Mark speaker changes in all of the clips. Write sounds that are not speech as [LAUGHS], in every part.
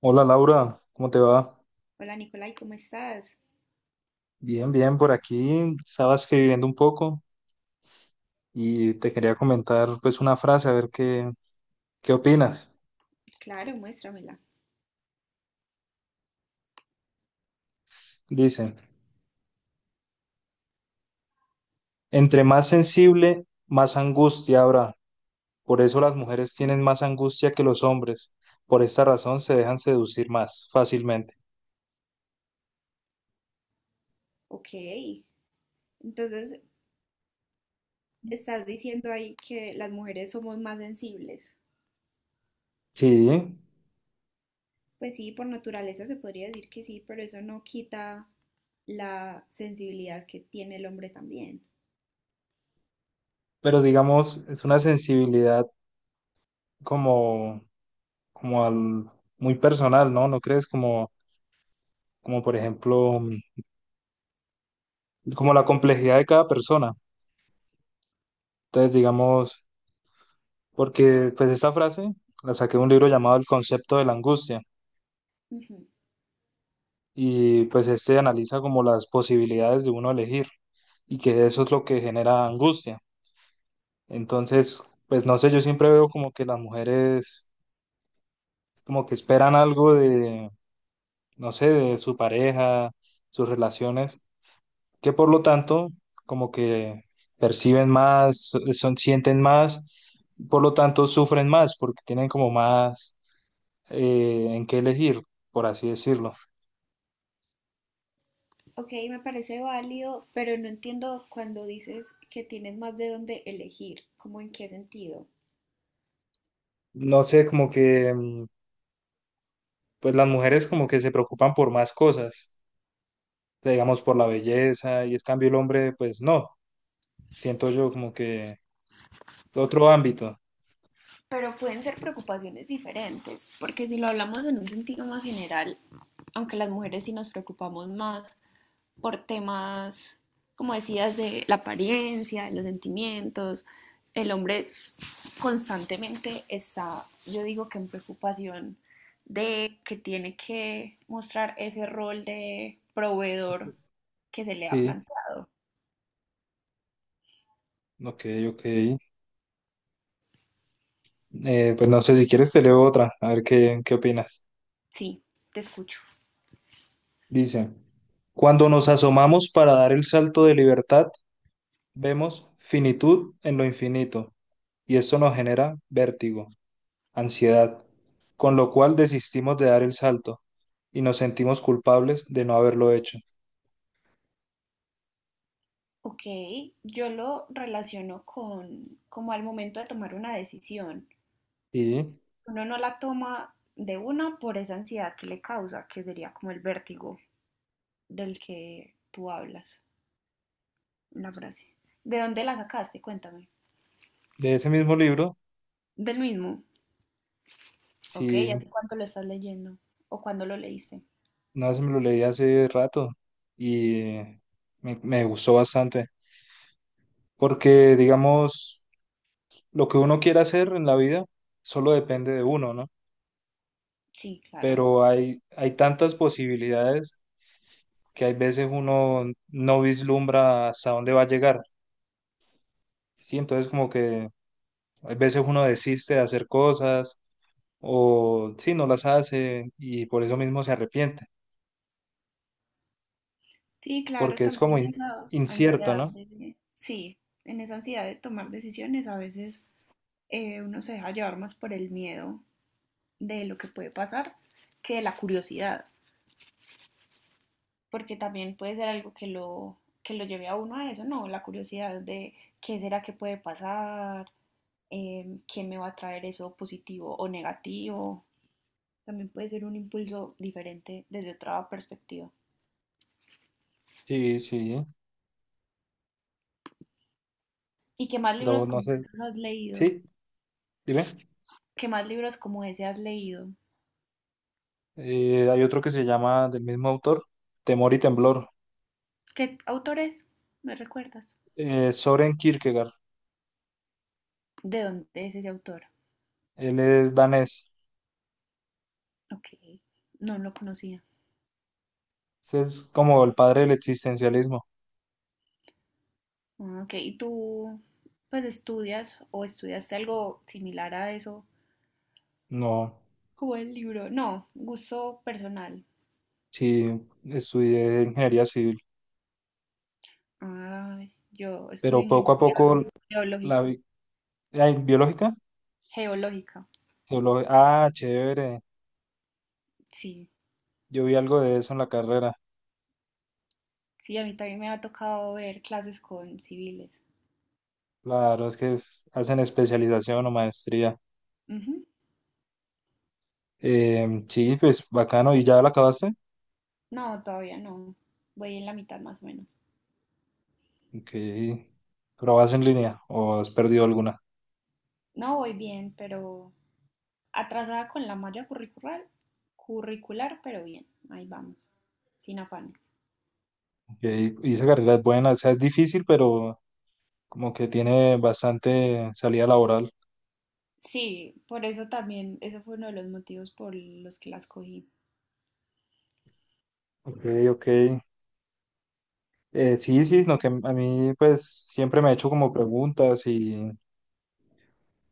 Speaker 1: Hola Laura, ¿cómo te va?
Speaker 2: Hola Nicolai, ¿cómo estás?
Speaker 1: Bien, bien, por aquí estaba escribiendo un poco y te quería comentar pues una frase, a ver qué opinas.
Speaker 2: Claro, muéstramela.
Speaker 1: Dice, entre más sensible, más angustia habrá. Por eso las mujeres tienen más angustia que los hombres. Por esta razón se dejan seducir más fácilmente.
Speaker 2: Ok. Entonces, estás diciendo ahí que las mujeres somos más sensibles.
Speaker 1: Sí,
Speaker 2: Pues sí, por naturaleza se podría decir que sí, pero eso no quita la sensibilidad que tiene el hombre también.
Speaker 1: pero digamos, es una sensibilidad como, como al- muy personal, ¿no? ¿No crees? Como por ejemplo, como la complejidad de cada persona. Entonces, digamos, porque pues esta frase la saqué de un libro llamado El concepto de la angustia
Speaker 2: Ujú.
Speaker 1: y pues este analiza como las posibilidades de uno elegir y que eso es lo que genera angustia. Entonces, pues no sé, yo siempre veo como que las mujeres como que esperan algo de, no sé, de su pareja, sus relaciones, que por lo tanto como que perciben más, sienten más, por lo tanto sufren más porque tienen como más en qué elegir, por así decirlo.
Speaker 2: Ok, me parece válido, pero no entiendo cuando dices que tienes más de dónde elegir, ¿cómo en qué sentido?
Speaker 1: No sé, como que, pues las mujeres como que se preocupan por más cosas, digamos, por la belleza, y es cambio el hombre, pues no, siento yo como que otro ámbito.
Speaker 2: Pero pueden ser preocupaciones diferentes, porque si lo hablamos en un sentido más general, aunque las mujeres sí nos preocupamos más por temas, como decías, de la apariencia, de los sentimientos. El hombre constantemente está, yo digo que en preocupación de que tiene que mostrar ese rol de proveedor que se le ha
Speaker 1: Sí,
Speaker 2: planteado.
Speaker 1: ok, ok. Pues no sé, si quieres te leo otra, a ver qué opinas.
Speaker 2: Sí, te escucho.
Speaker 1: Dice, cuando nos asomamos para dar el salto de libertad, vemos finitud en lo infinito, y esto nos genera vértigo, ansiedad, con lo cual desistimos de dar el salto y nos sentimos culpables de no haberlo hecho.
Speaker 2: Ok, yo lo relaciono con como al momento de tomar una decisión.
Speaker 1: Y
Speaker 2: Uno no la toma de una por esa ansiedad que le causa, que sería como el vértigo del que tú hablas. La frase, ¿de dónde la sacaste? Cuéntame.
Speaker 1: de ese mismo libro,
Speaker 2: Del mismo. Ok, ¿y hace
Speaker 1: sí,
Speaker 2: cuánto lo estás leyendo? ¿O cuándo lo leíste?
Speaker 1: una vez me lo leí hace rato y me gustó bastante, porque digamos, lo que uno quiere hacer en la vida solo depende de uno, ¿no?
Speaker 2: Sí, claro.
Speaker 1: Pero hay tantas posibilidades que hay veces uno no vislumbra hasta dónde va a llegar, ¿sí? Entonces como que hay veces uno desiste de hacer cosas o sí, no las hace y por eso mismo se arrepiente,
Speaker 2: Sí, claro,
Speaker 1: porque es
Speaker 2: también en esa
Speaker 1: incierto,
Speaker 2: ansiedad
Speaker 1: ¿no?
Speaker 2: de, sí, en esa ansiedad de tomar decisiones, a veces uno se deja llevar más por el miedo de lo que puede pasar que de la curiosidad. Porque también puede ser algo que lo lleve a uno a eso, ¿no? La curiosidad de qué será que puede pasar. Qué me va a traer eso, positivo o negativo. También puede ser un impulso diferente desde otra perspectiva.
Speaker 1: Sí, sí,
Speaker 2: ¿Y qué más
Speaker 1: pero
Speaker 2: libros
Speaker 1: no
Speaker 2: como
Speaker 1: sé,
Speaker 2: esos has leído?
Speaker 1: sí, dime.
Speaker 2: ¿Qué más libros como ese has leído?
Speaker 1: Hay otro que se llama del mismo autor, Temor y Temblor,
Speaker 2: ¿Qué autor es? ¿Me recuerdas?
Speaker 1: Soren Kierkegaard,
Speaker 2: ¿De dónde es ese autor?
Speaker 1: él es danés.
Speaker 2: Ok, no lo conocía.
Speaker 1: Ese es como el padre del existencialismo.
Speaker 2: Ah, ok, ¿y tú pues estudias o estudiaste algo similar a eso?
Speaker 1: No,
Speaker 2: Como el libro. No, gusto personal.
Speaker 1: sí, estudié ingeniería civil,
Speaker 2: Ay, yo estudio
Speaker 1: pero poco a
Speaker 2: ingeniería
Speaker 1: poco la
Speaker 2: geológica.
Speaker 1: vi- ay, biológica.
Speaker 2: Geológica,
Speaker 1: Ah, chévere,
Speaker 2: sí.
Speaker 1: yo vi algo de eso en la carrera.
Speaker 2: Sí, a mí también me ha tocado ver clases con civiles.
Speaker 1: Claro, es que hacen especialización o maestría.
Speaker 2: Ujú.
Speaker 1: Sí, pues bacano. ¿Y ya la acabaste?
Speaker 2: No, todavía no. Voy en la mitad más o menos.
Speaker 1: Ok. ¿Pero vas en línea o has perdido alguna?
Speaker 2: No voy bien, pero atrasada con la malla curricular, pero bien, ahí vamos, sin afán.
Speaker 1: Ok, y esa carrera es buena, o sea, es difícil, pero como que tiene bastante salida laboral.
Speaker 2: Sí, por eso también, ese fue uno de los motivos por los que las cogí.
Speaker 1: Ok, ok. Sí, sí, no, que a mí pues siempre me he hecho como preguntas y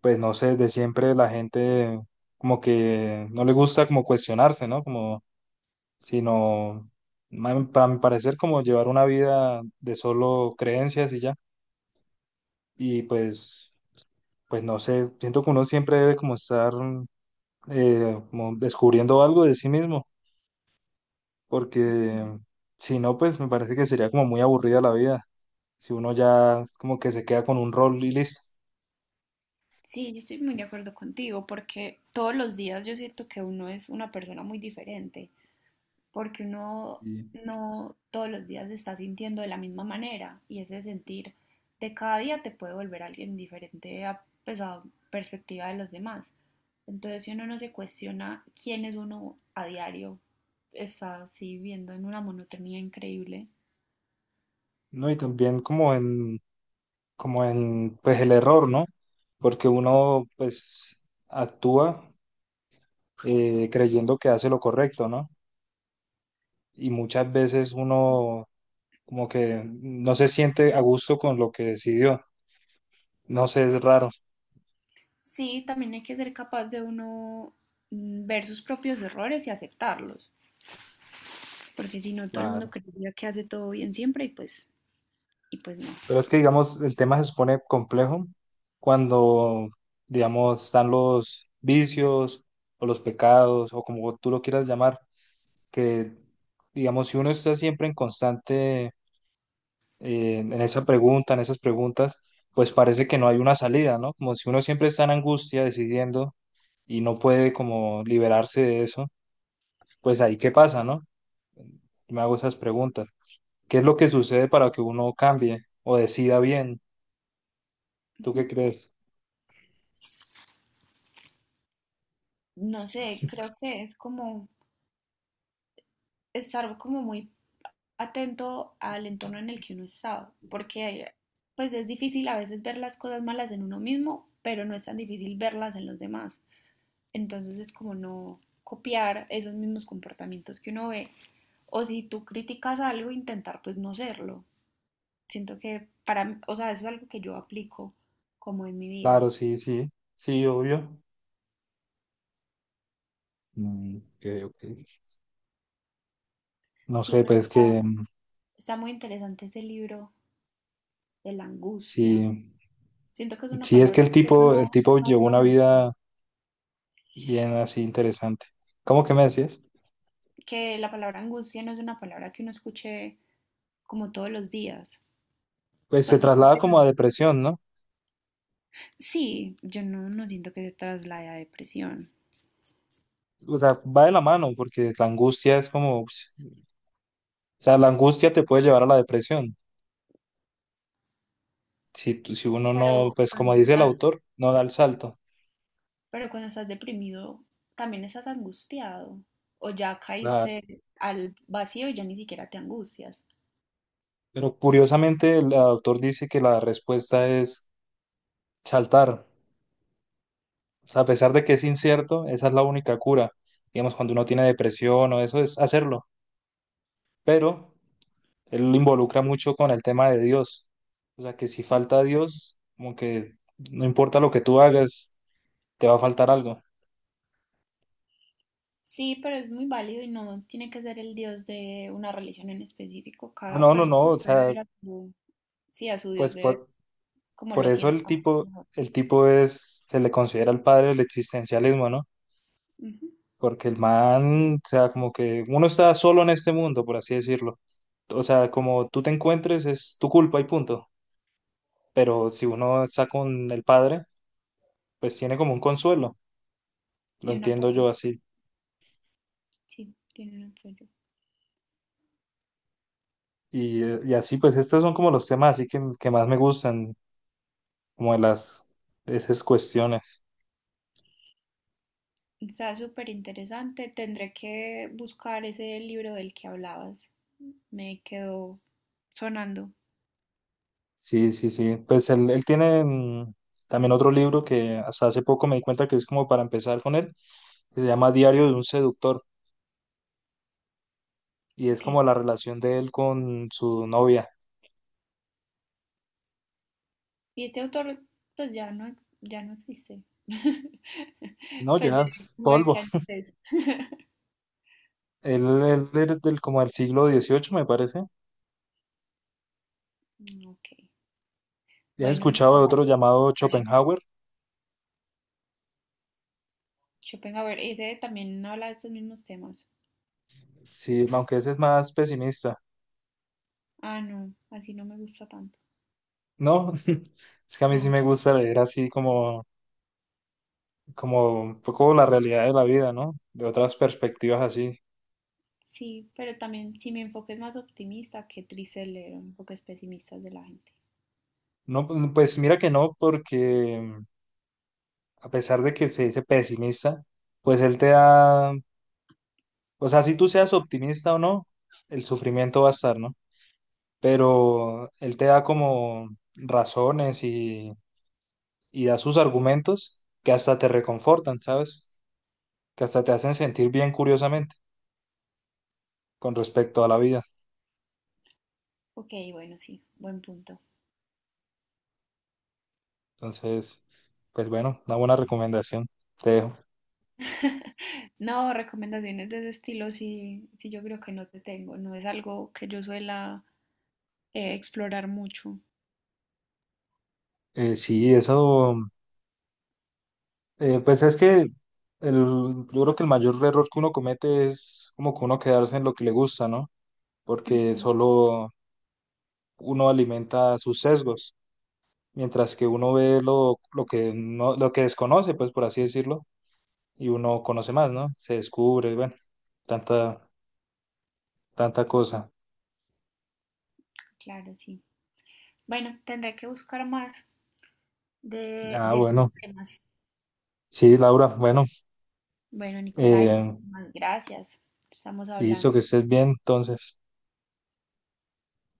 Speaker 1: pues no sé, de siempre la gente como que no le gusta como cuestionarse, ¿no? Como sino, para mi parecer, como llevar una vida de solo creencias y ya. Y pues, pues no sé, siento que uno siempre debe como estar como descubriendo algo de sí mismo,
Speaker 2: Sí.
Speaker 1: porque si no, pues me parece que sería como muy aburrida la vida, si uno ya como que se queda con un rol y listo.
Speaker 2: Sí, yo estoy muy de acuerdo contigo, porque todos los días yo siento que uno es una persona muy diferente. Porque uno
Speaker 1: Y,
Speaker 2: no todos los días se está sintiendo de la misma manera, y ese sentir de cada día te puede volver alguien diferente a, pues, a perspectiva de los demás. Entonces, si uno no se cuestiona quién es uno a diario, está así viviendo en una monotonía increíble.
Speaker 1: no, y también como en, pues el error, ¿no? Porque uno pues actúa creyendo que hace lo correcto, ¿no? Y muchas veces uno como que no se siente a gusto con lo que decidió. No sé, es raro.
Speaker 2: Sí, también hay que ser capaz de uno ver sus propios errores y aceptarlos, porque si no todo el mundo
Speaker 1: Claro.
Speaker 2: creería que hace todo bien siempre, y pues, y pues no.
Speaker 1: Pero es que, digamos, el tema se supone complejo cuando, digamos, están los vicios o los pecados o como tú lo quieras llamar, que, digamos, si uno está siempre en constante, en esas preguntas, pues parece que no hay una salida, ¿no? Como si uno siempre está en angustia decidiendo y no puede como liberarse de eso pues ahí qué pasa, ¿no? Me hago esas preguntas. ¿Qué es lo que sucede para que uno cambie o decida bien? ¿Tú
Speaker 2: Ujú.
Speaker 1: qué crees?
Speaker 2: No sé, creo que es como estar como muy atento al entorno en el que uno está, porque pues es difícil a veces ver las cosas malas en uno mismo, pero no es tan difícil verlas en los demás. Entonces es como no copiar esos mismos comportamientos que uno ve, o si tú criticas algo, intentar pues no serlo. Siento que para, o sea, eso es algo que yo aplico como en mi vida.
Speaker 1: Claro, sí, sí, sí, obvio. Mm, ok, ok. No
Speaker 2: Sí,
Speaker 1: sé,
Speaker 2: pero
Speaker 1: pues que
Speaker 2: está
Speaker 1: mm,
Speaker 2: está muy interesante ese libro de la angustia.
Speaker 1: sí,
Speaker 2: Siento que es una
Speaker 1: sí es que
Speaker 2: palabra que uno
Speaker 1: el
Speaker 2: no,
Speaker 1: tipo
Speaker 2: no
Speaker 1: llevó
Speaker 2: usa
Speaker 1: una
Speaker 2: mucho.
Speaker 1: vida bien así interesante. ¿Cómo que me decías?
Speaker 2: Que la palabra angustia no es una palabra que uno escuche como todos los días.
Speaker 1: Pues se
Speaker 2: Pues sí,
Speaker 1: traslada
Speaker 2: porque no-
Speaker 1: como a depresión, ¿no?
Speaker 2: sí, yo no, no siento que se traslade a depresión.
Speaker 1: O sea, va de la mano porque la angustia es como, pues, o sea, la angustia te puede llevar a la depresión. Si uno no,
Speaker 2: Pero
Speaker 1: pues como
Speaker 2: cuando
Speaker 1: dice el
Speaker 2: estás,
Speaker 1: autor, no da el salto.
Speaker 2: pero cuando estás deprimido, también estás angustiado. O ya
Speaker 1: Claro.
Speaker 2: caíste al vacío y ya ni siquiera te angustias.
Speaker 1: Pero curiosamente el autor dice que la respuesta es saltar. O sea, a pesar de que es incierto, esa es la única cura. Digamos, cuando uno tiene depresión o eso, es hacerlo. Pero él lo involucra mucho con el tema de Dios. O sea, que si falta Dios, como que no importa lo que tú hagas, te va a faltar algo.
Speaker 2: Sí, pero es muy válido y no tiene que ser el dios de una religión en específico.
Speaker 1: Ah,
Speaker 2: Cada
Speaker 1: no, no, no.
Speaker 2: persona
Speaker 1: O
Speaker 2: puede
Speaker 1: sea,
Speaker 2: ver a su, sí, a su dios
Speaker 1: pues
Speaker 2: de
Speaker 1: por,
Speaker 2: como
Speaker 1: por
Speaker 2: lo
Speaker 1: eso
Speaker 2: sienta mejor.
Speaker 1: el tipo es, se le considera el padre del existencialismo, ¿no?
Speaker 2: Ujú.
Speaker 1: Porque el man, o sea, como que uno está solo en este mundo, por así decirlo. O sea, como tú te encuentres, es tu culpa y punto. Pero si uno está con el padre, pues tiene como un consuelo. Lo
Speaker 2: Y un
Speaker 1: entiendo
Speaker 2: apoyo,
Speaker 1: yo así.
Speaker 2: sí, tiene un apoyo.
Speaker 1: Y así, pues estos son como los temas así que más me gustan, como de las, de esas cuestiones.
Speaker 2: Está súper interesante. Tendré que buscar ese libro del que hablabas. Me quedó sonando.
Speaker 1: Sí, sí, sí. Pues él tiene mm, también otro libro que hasta hace poco me di cuenta que es como para empezar con él, que se llama Diario de un seductor, y es
Speaker 2: Ok.
Speaker 1: como la relación de él con su novia.
Speaker 2: Y este autor, pues ya no, ya no existe. [LAUGHS]
Speaker 1: No,
Speaker 2: Pues
Speaker 1: ya,
Speaker 2: de
Speaker 1: es
Speaker 2: como de qué
Speaker 1: polvo.
Speaker 2: año es. [LAUGHS]
Speaker 1: Él es como del siglo XVIII me parece.
Speaker 2: Ok.
Speaker 1: Ya he
Speaker 2: Bueno,
Speaker 1: escuchado de
Speaker 2: Nicolás,
Speaker 1: otro llamado
Speaker 2: ahí.
Speaker 1: Schopenhauer,
Speaker 2: Schopenhauer, ese también, ¿no habla de estos mismos temas?
Speaker 1: sí, aunque ese es más pesimista.
Speaker 2: Ah, no, así no me gusta tanto.
Speaker 1: No, [LAUGHS] es que a mí sí
Speaker 2: No,
Speaker 1: me gusta leer así como, como un poco la realidad de la vida, ¿no? De otras perspectivas así.
Speaker 2: sí, pero también si mi enfoque es más optimista, qué triste leer enfoques pesimistas de la gente.
Speaker 1: No, pues mira que no, porque mm, a pesar de que se dice pesimista, pues él te da, o sea, si tú seas optimista o no, el sufrimiento va a estar, ¿no? Pero él te da como razones y da sus argumentos que hasta te reconfortan, ¿sabes? Que hasta te hacen sentir bien curiosamente con respecto a la vida.
Speaker 2: Ok, bueno, sí, buen punto.
Speaker 1: Entonces, pues bueno, una buena recomendación, te dejo.
Speaker 2: No, recomendaciones de ese estilo sí, sí, yo creo que no te tengo. No es algo que yo suela explorar mucho.
Speaker 1: Eh, sí, eso, pues es que el, yo creo que el mayor error que uno comete es como que uno quedarse en lo que le gusta, ¿no? Porque
Speaker 2: Ujú,
Speaker 1: solo uno alimenta sus sesgos, mientras que uno ve lo que no, lo que desconoce, pues por así decirlo, y uno conoce más, ¿no? Se descubre, bueno, tanta, tanta cosa.
Speaker 2: claro, sí. Bueno, tendré que buscar más
Speaker 1: Ah,
Speaker 2: de
Speaker 1: bueno,
Speaker 2: estos temas.
Speaker 1: sí, Laura, bueno,
Speaker 2: Bueno, Nicolai,
Speaker 1: eh,
Speaker 2: muchísimas gracias. Estamos
Speaker 1: listo, que
Speaker 2: hablando.
Speaker 1: estés bien, entonces.